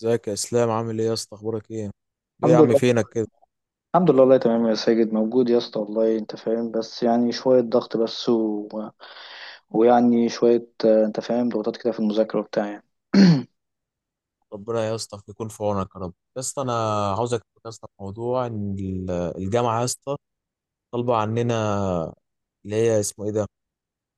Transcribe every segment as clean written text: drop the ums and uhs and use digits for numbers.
ازيك يا اسلام؟ عامل ايه يا اسطى؟ اخبارك ايه؟ ايه يا الحمد عم لله. فينك كده؟ الحمد لله، والله تمام يا ساجد، موجود يا اسطى، والله انت فاهم، بس يعني شوية ضغط بس ويعني شوية انت فاهم ضغوطات كده في المذاكرة وبتاع يعني. ربنا يا اسطى يكون في عونك يا رب. يا اسطى انا عاوزك تشوف يا اسطى في موضوع ان الجامعه يا اسطى طالبه عننا، اللي هي اسمه ايه ده،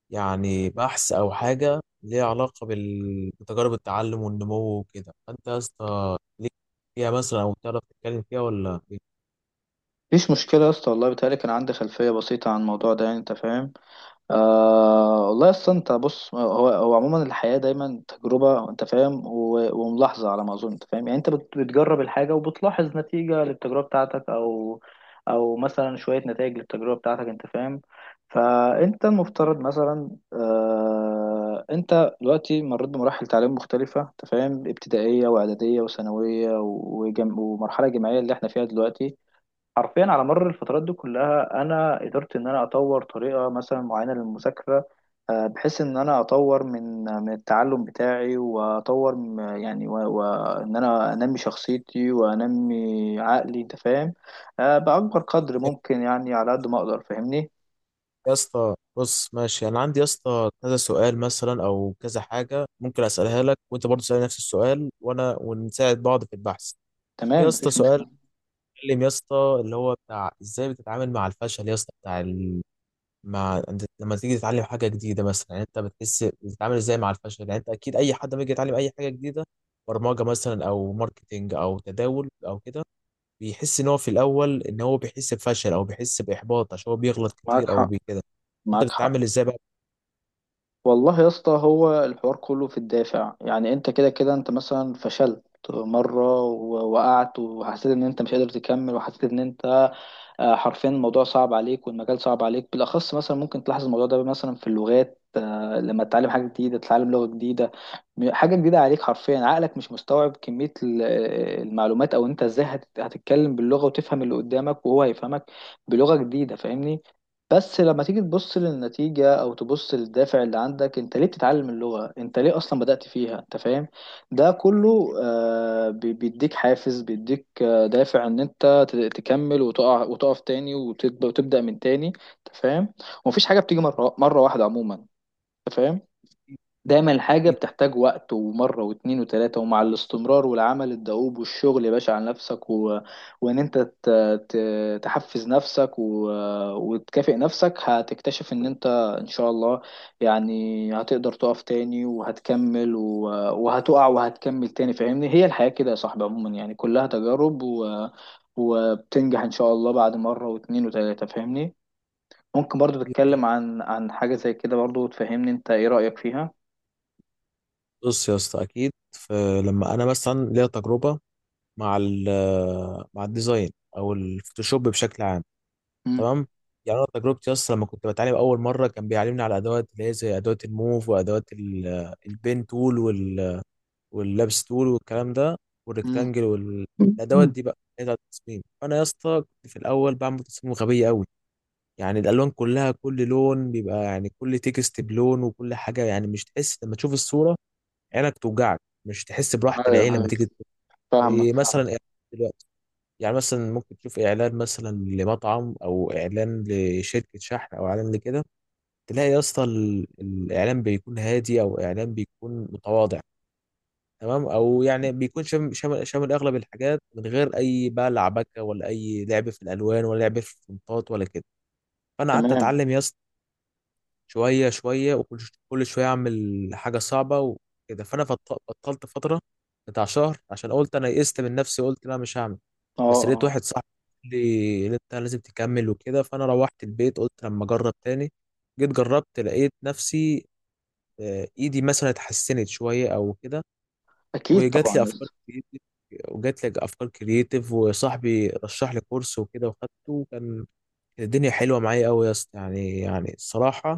يعني بحث او حاجه ليها علاقه بتجارب التعلم والنمو وكده، فانت يا اسطى ليك فيها مثلا او تعرف تتكلم فيها ولا إيه؟ مفيش مشكلة يا اسطى، والله بيتهيألي كان عندي خلفية بسيطة عن الموضوع ده، يعني انت فاهم. آه والله، اصل انت بص، هو عموما الحياه دايما تجربه، انت فاهم، وملاحظه، على ما اظن، انت فاهم، يعني انت بتجرب الحاجه وبتلاحظ نتيجه للتجربه بتاعتك، او مثلا شويه نتائج للتجربه بتاعتك، انت فاهم. فانت المفترض مثلا انت دلوقتي مريت بمراحل تعليم مختلفه، انت فاهم، ابتدائيه واعداديه وثانويه ومرحله جامعيه اللي احنا فيها دلوقتي. حرفيا على مر الفترات دي كلها انا قدرت ان انا اطور طريقه مثلا معينه للمذاكره، بحيث ان انا اطور من التعلم بتاعي واطور يعني وان انا انمي شخصيتي وانمي عقلي، انت فاهم، باكبر قدر ممكن، يعني على قد ما اقدر، فاهمني. يا اسطى بص، ماشي، انا عندي يا اسطى كذا سؤال مثلا او كذا حاجه ممكن اسالها لك، وانت برضه تسالني نفس السؤال، وانا ونساعد بعض في البحث. في تمام، يا اسطى مفيش سؤال مشكله. بيتكلم يا اسطى اللي هو بتاع ازاي بتتعامل مع الفشل يا اسطى، بتاع مع انت لما تيجي تتعلم حاجه جديده مثلا، يعني انت بتحس بتتعامل ازاي مع الفشل؟ يعني انت اكيد اي حد لما يجي يتعلم اي حاجه جديده، برمجه مثلا او ماركتينج او تداول او كده، بيحس ان هو في الاول ان هو بيحس بفشل او بيحس باحباط عشان هو بيغلط معاك كتير او حق. بكده. انت معاك حق. بتتعامل ازاي بقى؟ والله يا اسطى، هو الحوار كله في الدافع، يعني انت كده كده انت مثلا فشلت مرة وقعت وحسيت ان انت مش قادر تكمل، وحسيت ان انت حرفيا الموضوع صعب عليك والمجال صعب عليك، بالاخص مثلا ممكن تلاحظ الموضوع ده مثلا في اللغات. لما تتعلم حاجه جديده، تتعلم لغه جديده، حاجه جديده عليك، حرفيا عقلك مش مستوعب كميه المعلومات، او انت ازاي هتتكلم باللغه وتفهم اللي قدامك وهو هيفهمك بلغه جديده، فاهمني. بس لما تيجي تبص للنتيجة، أو تبص للدافع اللي عندك، أنت ليه بتتعلم اللغة؟ أنت ليه أصلا بدأت فيها؟ أنت فاهم؟ ده كله بيديك حافز، بيديك دافع ان انت تكمل وتقع وتقف تاني وتبدا من تاني، انت فاهم. ومفيش حاجه بتيجي مره مره واحده عموما، انت فاهم. دايما الحاجة أكيد. بتحتاج وقت ومرة واتنين وتلاتة، ومع الاستمرار والعمل الدؤوب والشغل يا باشا على نفسك وإن أنت ت... تحفز نفسك وتكافئ نفسك، هتكتشف إن أنت إن شاء الله، يعني هتقدر تقف تاني وهتكمل وهتقع وهتكمل تاني، فاهمني. هي الحياة كده يا صاحبي، عموما يعني كلها تجارب وبتنجح إن شاء الله بعد مرة واتنين وتلاتة، فاهمني. ممكن برضو أكيد طبعاً. تتكلم عن حاجة زي كده برضو وتفهمني أنت إيه رأيك فيها؟ بص يا اسطى، اكيد فلما انا مثلا ليا تجربه مع ال مع الديزاين او الفوتوشوب بشكل عام، تمام؟ يعني انا تجربتي اصلا لما كنت بتعلم اول مره كان بيعلمني على ادوات اللي هي زي ادوات الموف وادوات البين تول واللابس تول والكلام ده مم. والريكتانجل والادوات مم. دي بقى اللي هي بتاعت التصميم. فانا يا اسطى كنت في الاول بعمل تصميم غبيه قوي، يعني الالوان كلها كل لون بيبقى، يعني كل تكست بلون وكل حاجه، يعني مش تحس لما تشوف الصوره، عينك توجعك، مش تحس براحة ايوه، العين لما ايوه. تيجي تبص. فاهمك، زي فاهم. مثلا إعلان دلوقتي، يعني مثلا ممكن تشوف اعلان مثلا لمطعم او اعلان لشركة شحن او اعلان لكده، تلاقي يا اسطى الاعلان بيكون هادي او اعلان بيكون متواضع، تمام، او يعني بيكون شامل اغلب الحاجات، من غير اي بقى لعبكه ولا اي لعب في الالوان ولا لعب في الفونتات ولا كده. فانا قعدت تمام. اتعلم يا اسطى شوية شوية، وكل شوية أعمل حاجة صعبة وكده. فأنا بطلت فترة بتاع شهر عشان قلت أنا يئست من نفسي، قلت لا مش هعمل. اه، بس لقيت اه. واحد صاحبي قال لي إن أنت لازم تكمل وكده، فأنا روحت البيت قلت لما أجرب تاني. جيت جربت لقيت نفسي إيدي مثلا اتحسنت شوية أو كده، اكيد وجات طبعا لي يا أفكار اسطى. كريتيف وجات لي أفكار كريتيف وصاحبي رشح لي كورس وكده وخدته، وكان الدنيا حلوة معايا أوي يا اسطى، يعني الصراحة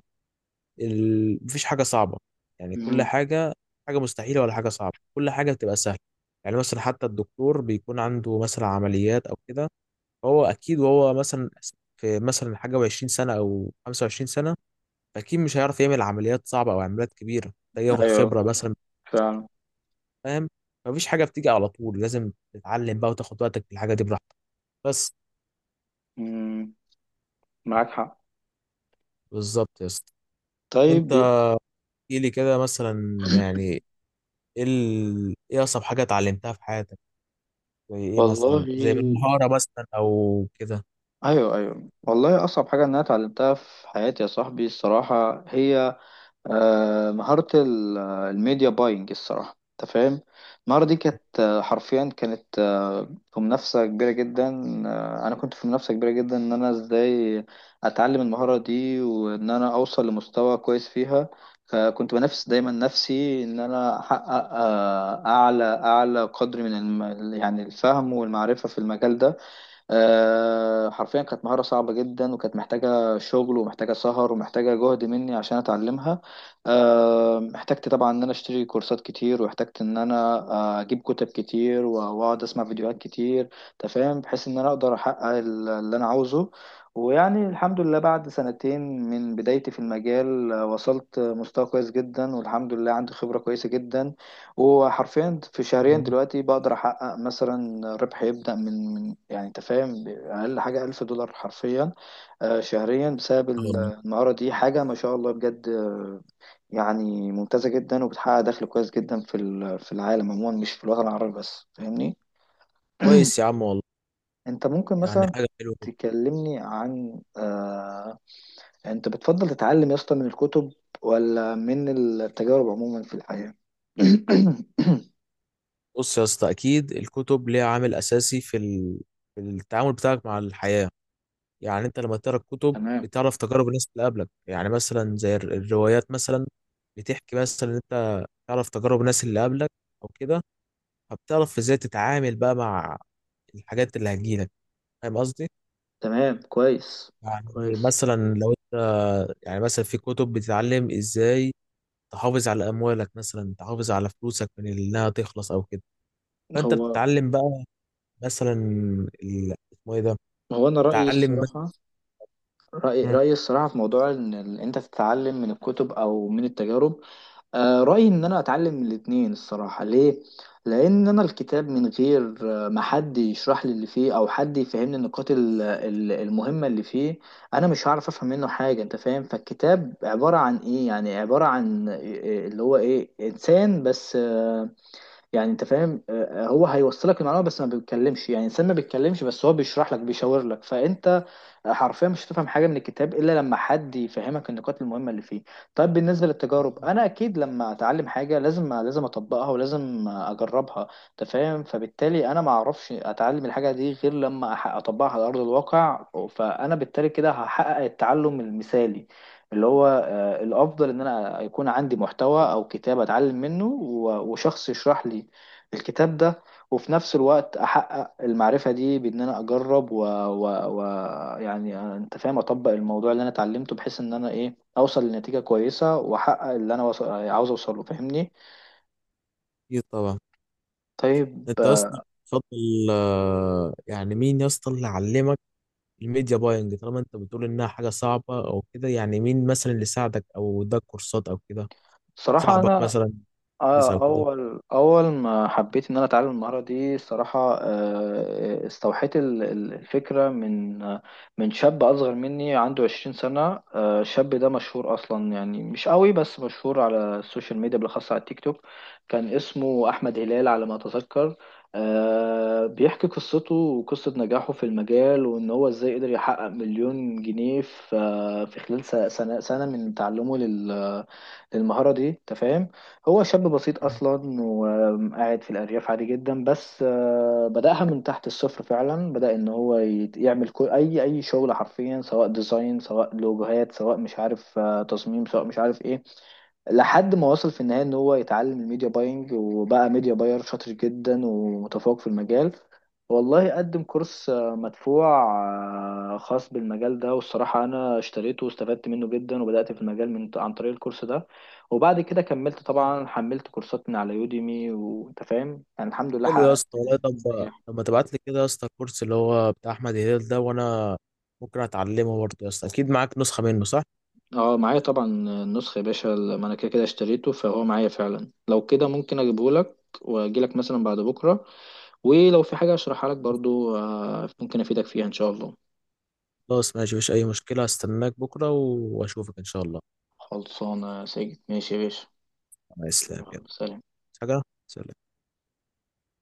مفيش حاجة صعبة، يعني كل مم. حاجة حاجة مستحيلة ولا حاجة صعبة، كل حاجة بتبقى سهلة. يعني مثلا حتى الدكتور بيكون عنده مثلا عمليات أو كده، فهو أكيد وهو مثلا في مثلا حاجة 20 سنة أو 25 سنة أكيد مش هيعرف يعمل عمليات صعبة أو عمليات كبيرة، محتاج ياخد ايوه، خبرة مثلا، فعلا. فاهم؟ مفيش حاجة بتيجي على طول، لازم تتعلم بقى وتاخد وقتك في الحاجة دي براحتك بس. مم. معاك حق. بالظبط يا اسطى. انت طيب. احكي لي كده مثلا، يعني ايه ايه اصعب حاجة اتعلمتها في حياتك، زي ايه والله، مثلا، زي بالمهارة مثلا او كده؟ ايوه ايوه، والله اصعب حاجه ان انا اتعلمتها في حياتي يا صاحبي الصراحه هي مهارة الميديا باينج الصراحة، انت فاهم. المهارة دي كانت حرفيا كانت في منافسة كبيرة جدا. انا كنت في منافسة كبيرة جدا ان انا ازاي اتعلم المهارة دي وان انا اوصل لمستوى كويس فيها، فكنت بنافس دايما نفسي ان انا احقق اعلى قدر من يعني الفهم والمعرفة في المجال ده. حرفيا كانت مهارة صعبة جدا، وكانت محتاجة شغل ومحتاجة سهر ومحتاجة جهد مني عشان أتعلمها. احتجت طبعا إن أنا أشتري كورسات كتير، واحتجت إن أنا أجيب كتب كتير وأقعد أسمع فيديوهات كتير تفهم، بحيث إن أنا أقدر أحقق اللي أنا عاوزه. ويعني الحمد لله بعد سنتين من بدايتي في المجال، وصلت مستوى كويس جدا، والحمد لله عندي خبرة كويسة جدا. وحرفيا في شهرين دلوقتي بقدر احقق مثلا ربح يبدأ من يعني انت فاهم اقل حاجة ألف دولار حرفيا، شهريا بسبب والله. المهارة دي، حاجة ما شاء الله بجد، يعني ممتازة جدا وبتحقق دخل كويس جدا في في العالم عموما، مش في الوطن العربي بس، فاهمني. كويس يا عم والله، انت ممكن يعني مثلا حاجة حلوة كده. تكلمني عن انت بتفضل تتعلم يا اسطى من الكتب ولا من التجارب عموما في الحياة؟ بص يا اسطى، اكيد الكتب ليها عامل اساسي في في التعامل بتاعك مع الحياة، يعني انت لما تقرا الكتب تمام. بتعرف تجارب الناس اللي قبلك، يعني مثلا زي الروايات مثلا بتحكي مثلا إن انت تعرف تجارب الناس اللي قبلك او كده، فبتعرف ازاي تتعامل بقى مع الحاجات اللي هتجيلك، فاهم قصدي؟ تمام، كويس. يعني كويس. مثلا لو انت، يعني مثلا في كتب بتتعلم ازاي تحافظ على اموالك مثلا، تحافظ على فلوسك من انها تخلص او كده، فانت هو بتتعلم بقى مثلا اسمه ايه ده، هو انا رايي تتعلم مثلا. الصراحه، رايي مم. رايي الصراحه في موضوع ان انت تتعلم من الكتب او من التجارب، آه، رايي ان انا اتعلم من الاتنين الصراحه. ليه؟ لان انا الكتاب من غير ما حد يشرح لي اللي فيه او حد يفهمني النقاط المهمه اللي فيه، انا مش هعرف افهم منه حاجه، انت فاهم. فالكتاب عباره عن ايه؟ يعني عباره عن اللي هو ايه، انسان بس، يعني انت فاهم، هو هيوصلك المعلومه بس ما بيتكلمش، يعني الانسان ما بيتكلمش، بس هو بيشرح لك بيشاور لك، فانت حرفيا مش هتفهم حاجه من الكتاب الا لما حد يفهمك النقاط المهمه اللي فيه. طيب، بالنسبه للتجارب، انا اكيد لما اتعلم حاجه لازم اطبقها ولازم اجربها، انت فاهم، فبالتالي انا ما اعرفش اتعلم الحاجه دي غير لما اطبقها على ارض الواقع. فانا بالتالي كده هحقق التعلم المثالي اللي هو الافضل، ان انا يكون عندي محتوى او كتاب اتعلم منه وشخص يشرح لي الكتاب ده، وفي نفس الوقت احقق المعرفة دي بان انا اجرب و... يعني انت فاهم اطبق الموضوع اللي انا اتعلمته، بحيث ان انا ايه، اوصل لنتيجة كويسة واحقق اللي انا عاوز اوصله، فاهمني. اكيد طبعا. طيب. انت اصلا تفضل يعني مين يا اسطى اللي علمك الميديا باينج، طالما انت بتقول انها حاجه صعبه او كده؟ يعني مين مثلا اللي ساعدك او اداك كورسات او كده، صراحة صاحبك انا مثلا بس او اه، كده؟ اول اول ما حبيت ان انا اتعلم المهاره دي الصراحه، استوحيت الفكره من من شاب اصغر مني، عنده 20 سنه. الشاب ده مشهور اصلا يعني مش قوي، بس مشهور على السوشيال ميديا، بالاخص على التيك توك. كان اسمه احمد هلال على ما اتذكر، بيحكي قصته وقصه نجاحه في المجال، وان هو ازاي قدر يحقق مليون جنيه في في خلال سنه من تعلمه للمهاره دي، تفهم. هو شاب بسيط اصلا وقاعد في الارياف عادي جدا، بس بداها من تحت الصفر فعلا، بدا ان هو يعمل كل اي اي شغل حرفيا، سواء ديزاين، سواء لوجوهات، سواء مش عارف تصميم، سواء مش عارف ايه، لحد ما وصل في النهايه ان هو يتعلم الميديا باينج، وبقى ميديا باير شاطر جدا ومتفوق في المجال. والله قدم كورس مدفوع خاص بالمجال ده، والصراحه انا اشتريته واستفدت منه جدا، وبدات في المجال من عن طريق الكورس ده. وبعد كده كملت طبعا، حملت كورسات من على يوديمي، وانت فاهم، يعني الحمد لله حلو يا حققت اسطى والله. طب، نجاح. طب ما تبعت لي كده يا اسطى الكورس اللي هو بتاع احمد هلال ده، وانا ممكن اتعلمه برضه يا اسطى، اكيد معاك نسخه منه صح؟ اه معايا طبعا النسخة يا باشا، ما انا كده كده اشتريته، فهو معايا فعلا، لو كده ممكن اجيبه لك واجي لك مثلا بعد بكرة، ولو في حاجة اشرحها لك برضو ممكن افيدك فيها ان شاء الله. خلاص ماشي، مفيش أي مشكلة، هستناك بكرة وأشوفك إن شاء الله. خلصانة يا سيد، ماشي يا باشا. مع السلامة، يلا. يلا، سلام. عايز حاجة؟ سلام.